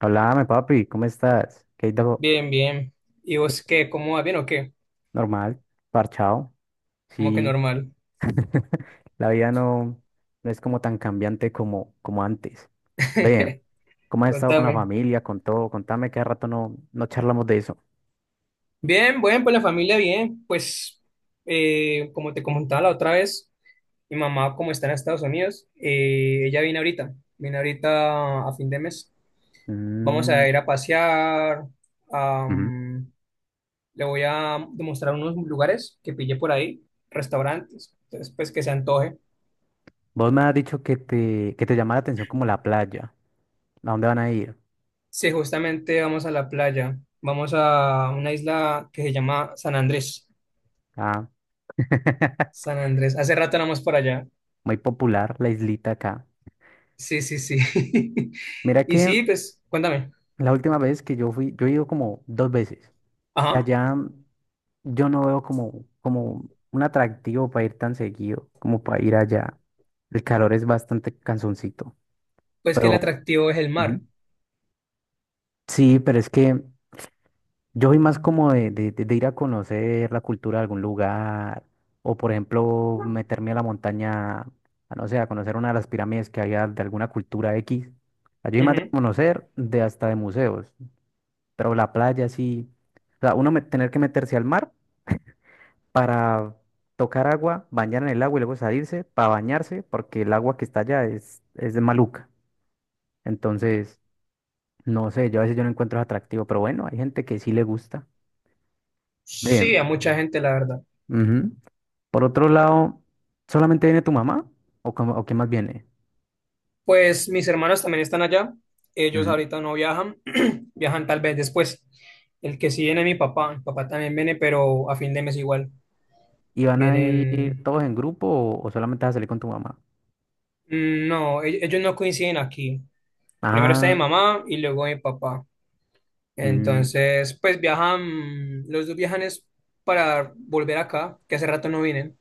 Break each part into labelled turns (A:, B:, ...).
A: Háblame, papi, ¿cómo estás? ¿Qué hay de
B: Bien, bien. ¿Y vos
A: qué-
B: qué? ¿Cómo va? ¿Bien o qué?
A: normal? Parchado.
B: ¿Cómo que
A: Sí,
B: normal?
A: la vida no es como tan cambiante como antes. Ve, ¿cómo has estado con la
B: Contame.
A: familia, con todo? Contame que hace rato no charlamos de eso.
B: Bien, bueno, pues la familia bien. Pues como te comentaba la otra vez, mi mamá como está en Estados Unidos, ella viene ahorita a fin de mes. Vamos
A: Mm,
B: a ir a pasear,
A: ujú.
B: am, le voy a demostrar unos lugares que pillé por ahí, restaurantes, entonces pues que se antoje.
A: Vos me has dicho que te llama la atención como la playa. ¿A dónde van a ir?
B: Sí, justamente vamos a la playa. Vamos a una isla que se llama San Andrés.
A: Ah,
B: San Andrés. Hace rato no vamos por allá.
A: muy popular la islita acá.
B: Sí, sí, sí.
A: Mira
B: Y
A: que
B: sí, pues, cuéntame.
A: la última vez que yo fui, yo he ido como dos veces. Y
B: Ajá.
A: allá, yo no veo como un atractivo para ir tan seguido, como para ir allá. El calor es bastante cansoncito.
B: Pues que el
A: Pero,
B: atractivo es el
A: ujú,
B: mar.
A: sí, pero es que yo soy más como de ir a conocer la cultura de algún lugar, o por ejemplo, meterme a la montaña, a no sé, a conocer una de las pirámides que había de alguna cultura X. O sea, yo soy más de
B: Ujú.
A: conocer, de hasta de museos, pero la playa sí. O sea, tener que meterse al mar para tocar agua, bañar en el agua y luego salirse para bañarse, porque el agua que está allá es de maluca. Entonces, no sé, yo a veces yo no encuentro atractivo, pero bueno, hay gente que sí le gusta. Ve,
B: Sí, a mucha gente, la verdad.
A: ujú. Por otro lado, ¿solamente viene tu mamá? ¿O, o qué más viene?
B: Pues mis hermanos también están allá. Ellos
A: Ujú.
B: ahorita no viajan. Viajan tal vez después. El que sí viene es mi papá. Mi papá también viene, pero a fin de mes igual.
A: ¿Y van a ir
B: Vienen.
A: todos en grupo, o solamente vas a salir con tu mamá?
B: No, ellos no coinciden aquí. Primero está mi
A: Ah,
B: mamá y luego mi papá.
A: mm,
B: Entonces, pues viajan, los dos viajan es para volver acá, que hace rato no vienen.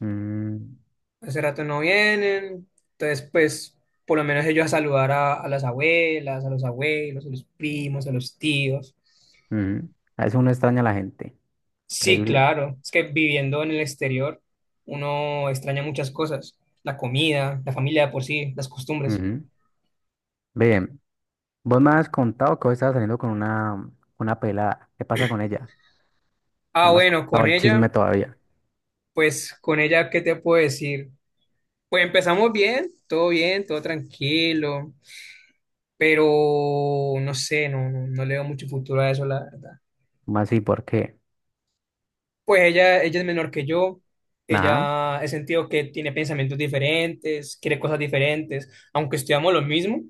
A: mm,
B: Hace rato no vienen. Entonces, pues, por lo menos ellos a saludar a las abuelas, a los abuelos, a los primos, a los tíos.
A: ujú. A veces uno extraña a la gente,
B: Sí,
A: increíble.
B: claro, es que viviendo en el exterior, uno extraña muchas cosas. La comida, la familia de por sí, las costumbres.
A: Ujú. Ve, vos me has contado que hoy estabas saliendo con una pelada. ¿Qué pasa con ella?
B: Ah,
A: No me has
B: bueno, con
A: contado el
B: ella,
A: chisme todavía.
B: pues, con ella, ¿qué te puedo decir? Pues empezamos bien, todo tranquilo, pero no sé, no, no, no le veo mucho futuro a eso, la verdad.
A: ¿Cómo así? ¿Por qué?
B: Pues ella es menor que yo,
A: Ajá,
B: ella he sentido que tiene pensamientos diferentes, quiere cosas diferentes, aunque estudiamos lo mismo,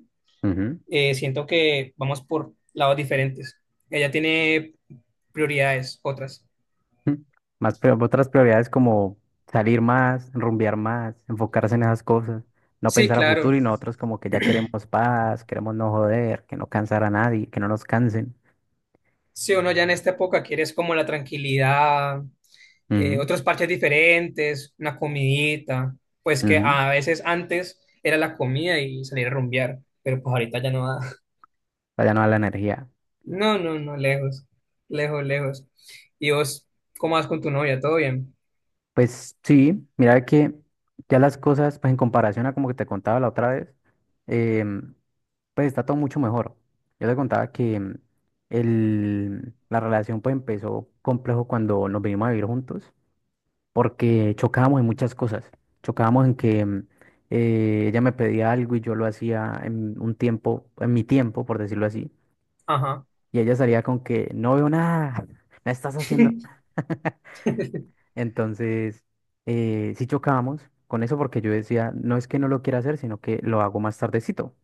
A: ujú,
B: siento que vamos por lados diferentes. Ella tiene prioridades otras.
A: mm. Otras prioridades como salir más, rumbear más, enfocarse en esas cosas, no
B: Sí,
A: pensar a
B: claro.
A: futuro y nosotros como que ya queremos paz, queremos no joder, que no cansar a nadie, que no nos cansen.
B: Si uno ya en esta época quieres como la tranquilidad,
A: Ujú,
B: otros parches diferentes, una comidita, pues que
A: ujú,
B: a veces antes era la comida y salir a rumbear, pero pues ahorita ya no da.
A: vaya no a la energía.
B: No, no, no, lejos, lejos, lejos. ¿Y vos cómo vas con tu novia? ¿Todo bien?
A: Pues sí, mira que ya las cosas, pues en comparación a como que te contaba la otra vez, em, pues está todo mucho mejor. Yo te contaba que la relación pues empezó complejo cuando nos vinimos a vivir juntos, porque chocábamos en muchas cosas. Chocábamos en que ella me pedía algo y yo lo hacía en un tiempo, en mi tiempo, por decirlo así,
B: Ajá,
A: y ella salía con que no veo nada, no estás haciendo nada. Entonces, sí chocábamos con eso porque yo decía, no es que no lo quiera hacer, sino que lo hago más tardecito.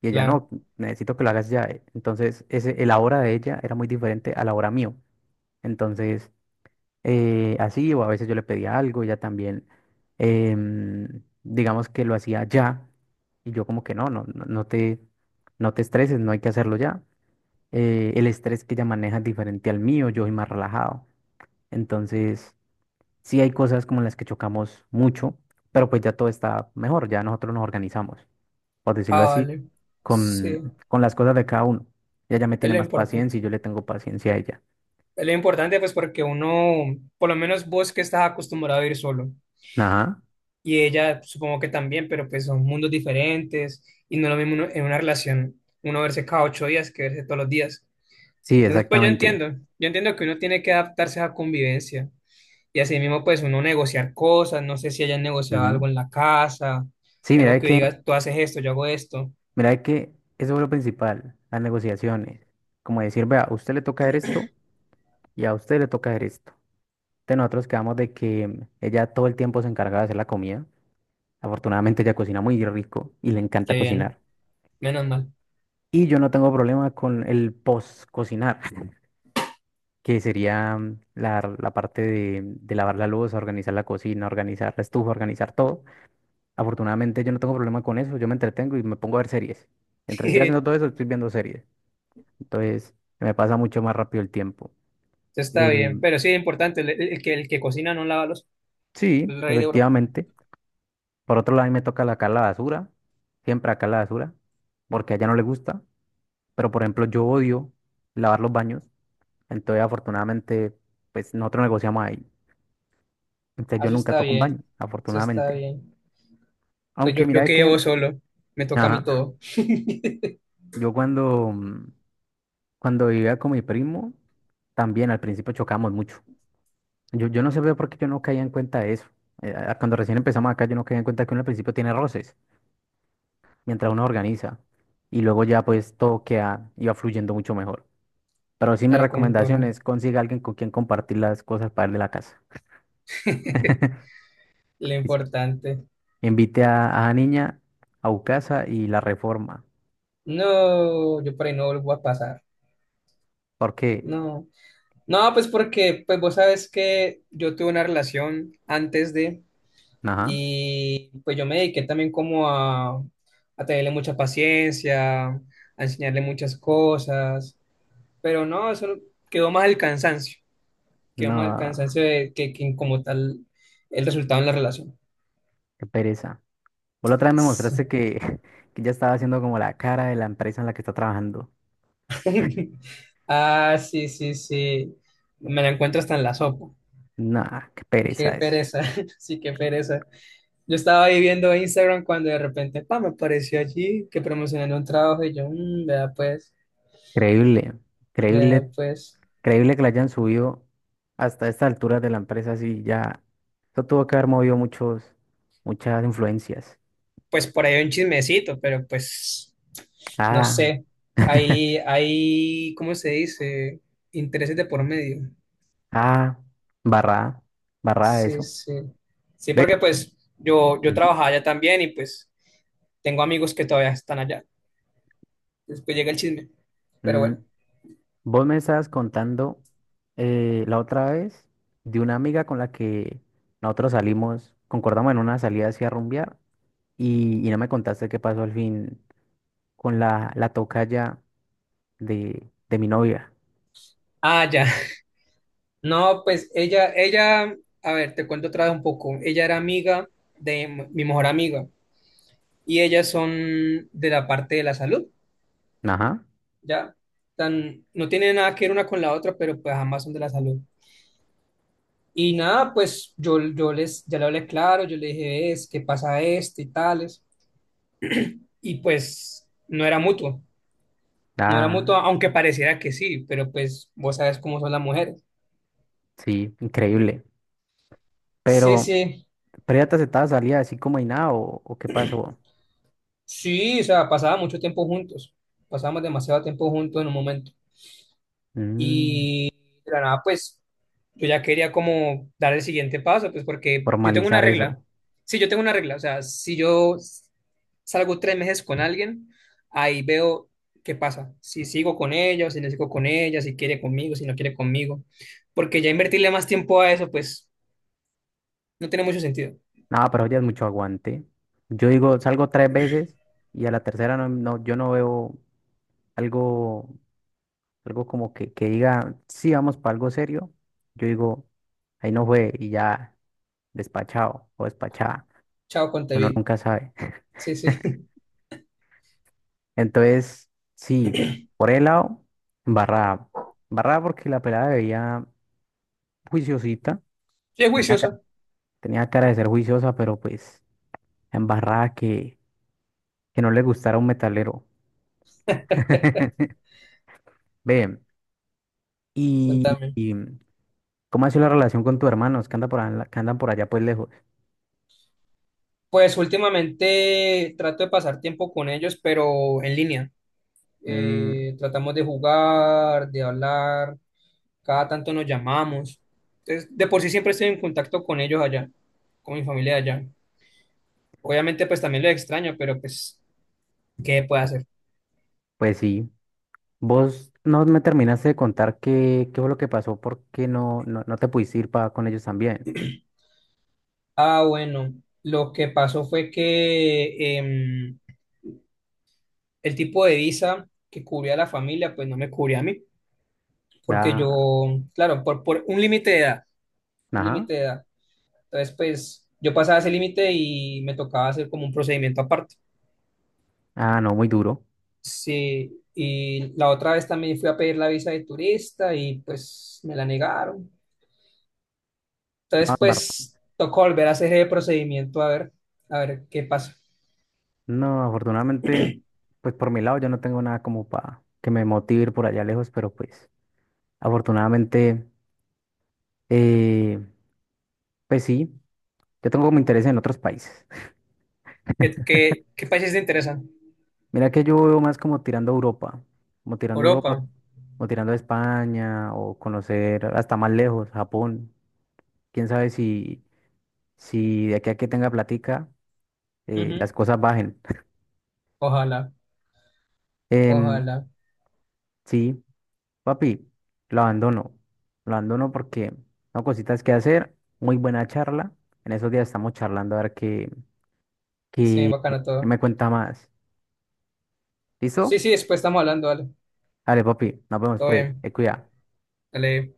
A: Y ella,
B: claro.
A: no, necesito que lo hagas ya. Entonces, el ahora de ella era muy diferente a la hora mío. Entonces, así, o a veces yo le pedía algo, ella también, digamos que lo hacía ya. Y yo como que no te estreses, no hay que hacerlo ya. El estrés que ella maneja es diferente al mío, yo soy más relajado. Entonces, sí hay cosas como las que chocamos mucho, pero pues ya todo está mejor, ya nosotros nos organizamos, por decirlo
B: Ah,
A: así,
B: vale. Sí,
A: con las cosas de cada uno. Ella ya me
B: es
A: tiene
B: lo
A: más
B: importante.
A: paciencia y yo le tengo paciencia a ella.
B: Lo importante, pues, porque uno, por lo menos vos que estás acostumbrado a ir solo,
A: Ajá,
B: y ella supongo que también, pero pues son mundos diferentes, y no es lo mismo uno- en una relación, uno verse cada 8 días que verse todos los días.
A: sí,
B: Entonces, pues
A: exactamente.
B: yo entiendo que uno tiene que adaptarse a la convivencia, y así mismo, pues, uno negociar cosas, no sé si hayan negociado
A: Ujú.
B: algo en la casa,
A: Sí, mira
B: algo
A: de
B: que
A: que,
B: digas, tú haces esto, yo hago esto,
A: mira de que eso es lo principal, las negociaciones. Como decir, vea, a usted le toca hacer esto y a usted le toca hacer esto. De nosotros quedamos de que ella todo el tiempo se encarga de hacer la comida. Afortunadamente ella cocina muy rico y le
B: qué
A: encanta
B: bien,
A: cocinar.
B: menos mal.
A: Y yo no tengo problema con el post-cocinar, que sería la parte de lavar la luz, organizar la cocina, organizar la estufa, organizar todo. Afortunadamente yo no tengo problema con eso, yo me entretengo y me pongo a ver series. Mientras estoy haciendo todo eso, estoy viendo series. Entonces me pasa mucho más rápido el tiempo.
B: Entonces está
A: Eh,
B: bien, pero sí, importante, el que cocina no lava los,
A: sí,
B: el rey de oro.
A: efectivamente. Por otro lado, a mí me toca acá la basura, siempre acá la basura, porque a ella no le gusta. Pero por ejemplo, yo odio lavar los baños, entonces afortunadamente pues nosotros negociamos ahí. Entonces
B: Ah,
A: yo
B: eso
A: nunca
B: está
A: toco un
B: bien,
A: baño,
B: eso está
A: afortunadamente.
B: bien. Pues yo,
A: Aunque
B: yo
A: mira es
B: que
A: que,
B: llevo solo, me toca a mí
A: ajá,
B: todo.
A: yo cuando, cuando vivía con mi primo, también al principio chocábamos mucho. Yo no sé por qué yo no caía en cuenta de eso. Cuando recién empezamos acá, yo no caía en cuenta que uno al principio tiene roces, mientras uno organiza. Y luego ya pues todo queda, iba fluyendo mucho mejor. Pero sí, mi
B: Claro, comentó
A: recomendación
B: lo,
A: es consiga alguien con quien compartir las cosas para el la casa.
B: lo
A: Es que
B: importante.
A: invite a la niña a su casa y la reforma.
B: No, yo por ahí no vuelvo a pasar.
A: Porque,
B: No, no, pues porque, pues vos sabes que yo tuve una relación antes de,
A: ajá.
B: y pues yo me dediqué también como a tenerle mucha paciencia, a enseñarle muchas cosas, pero no, eso quedó más el cansancio. Queda más el
A: No,
B: cansancio de que como tal el resultado en la relación.
A: qué pereza. Vos la otra vez me
B: Sí.
A: mostraste que, que ya estaba haciendo como la cara de la empresa en la que está trabajando.
B: Ah, sí, sí, sí. Me la encuentro hasta en la sopa.
A: No, qué
B: Qué
A: pereza eso.
B: pereza, sí, qué pereza. Yo estaba ahí viendo Instagram cuando de repente, pa, me apareció allí que promocionando un trabajo y yo, vea pues,
A: Increíble,
B: vea
A: increíble,
B: pues.
A: increíble que la hayan subido hasta esta altura de la empresa así ya. Eso tuvo que haber movido muchas influencias.
B: Pues por ahí un chismecito, pero pues, no
A: Ah,
B: sé. Hay, ¿cómo se dice? Intereses de por medio.
A: ah, barra, barra
B: Sí,
A: eso.
B: sí. Sí,
A: Ve.
B: porque pues yo,
A: Ujú.
B: trabajaba allá también y pues tengo amigos que todavía están allá. Después llega el chisme. Pero
A: Mm,
B: bueno.
A: vos me estabas contando la otra vez de una amiga con la que nosotros salimos, concordamos en una salida hacia rumbear y no me contaste qué pasó al fin con la tocaya de mi novia.
B: Ah, ya. No, pues ella, a ver, te cuento otra vez un poco. Ella era amiga de mi mejor amiga y ellas son de la parte de la salud,
A: Ajá.
B: ¿ya? Tan, no tiene nada que ver una con la otra, pero pues ambas son de la salud. Y nada, pues yo, ya le hablé claro, yo le dije, es, ¿qué pasa esto y tales? Y pues no era mutuo. No era mutuo,
A: Ah,
B: aunque pareciera que sí, pero pues vos sabes cómo son las mujeres.
A: sí, increíble.
B: Sí,
A: Pero,
B: sí,
A: ¿Pero ya te aceptaba salida así como y nada, o o qué pasó?
B: sí, o sea, pasaba mucho tiempo juntos, pasábamos demasiado tiempo juntos en un momento.
A: Mm,
B: Y de la nada, pues yo ya quería como dar el siguiente paso, pues porque yo tengo una
A: formalizar
B: regla.
A: eso.
B: Sí, yo tengo una regla, o sea, si yo salgo 3 meses con alguien, ahí veo qué pasa, si sigo con ella, o si no sigo con ella, si quiere conmigo, si no quiere conmigo, porque ya invertirle más tiempo a eso, pues no tiene mucho sentido.
A: No, pero ya es mucho aguante. Yo digo, salgo tres veces y a la tercera no, no, yo no veo algo, algo como que diga, sí, vamos para algo serio, yo digo, ahí no fue y ya despachado o despachada,
B: Chao
A: uno
B: Contevi.
A: nunca sabe.
B: Sí, sí.
A: Entonces, sí, por el lado, barrada. Barrada porque la pelada veía juiciosita,
B: Sí, es
A: tenía, ca-
B: juiciosa.
A: tenía cara de ser juiciosa, pero pues embarrada que no le gustara un metalero. Ve, y,
B: Contame.
A: y, ¿cómo ha sido la relación con tu hermano? Es que anda por, que andan por allá pues lejos.
B: Pues últimamente trato de pasar tiempo con ellos, pero en línea.
A: Mm,
B: Tratamos de jugar, de hablar. Cada tanto nos llamamos. Entonces, de por sí siempre estoy en contacto con ellos allá, con mi familia allá. Obviamente, pues también lo extraño, pero pues, ¿qué puede hacer?
A: pues sí. Vos no me terminaste de contar qué, qué fue lo que pasó, por qué no te pudiste ir con ellos también.
B: Ah, bueno, lo que pasó fue que el tipo de visa que cubría a la familia, pues no me cubría a mí. Porque
A: Da,
B: yo, claro, por un límite de edad, un límite
A: ajá.
B: de edad. Entonces, pues yo pasaba ese límite y me tocaba hacer como un procedimiento aparte.
A: Ah, no, muy duro.
B: Sí, y la otra vez también fui a pedir la visa de turista y pues me la negaron.
A: No,
B: Entonces, pues tocó volver a hacer ese procedimiento a ver qué pasa.
A: no, afortunadamente, pues por mi lado yo no tengo nada como para que me motive ir por allá lejos, pero pues afortunadamente, eh, pues sí, yo tengo como interés en otros países.
B: ¿Qué países te interesan?
A: Mira que yo veo más como tirando a Europa, como tirando a
B: Europa.
A: Europa, como tirando a España o conocer hasta más lejos, Japón. Quién sabe si... si de aquí a que tenga platica,
B: Ujú.
A: las cosas bajen.
B: Ojalá,
A: Em,
B: ojalá.
A: sí, papi, lo abandono. Lo abandono porque no cositas que hacer. Muy buena charla. En esos días estamos charlando a ver qué,
B: Sí,
A: qué
B: bacana
A: qué
B: todo.
A: me cuenta más.
B: Sí,
A: ¿Listo?
B: sí, después estamos hablando, dale.
A: Dale, papi, nos vemos
B: Todo
A: pues.
B: bien.
A: Te cuida.
B: Dale.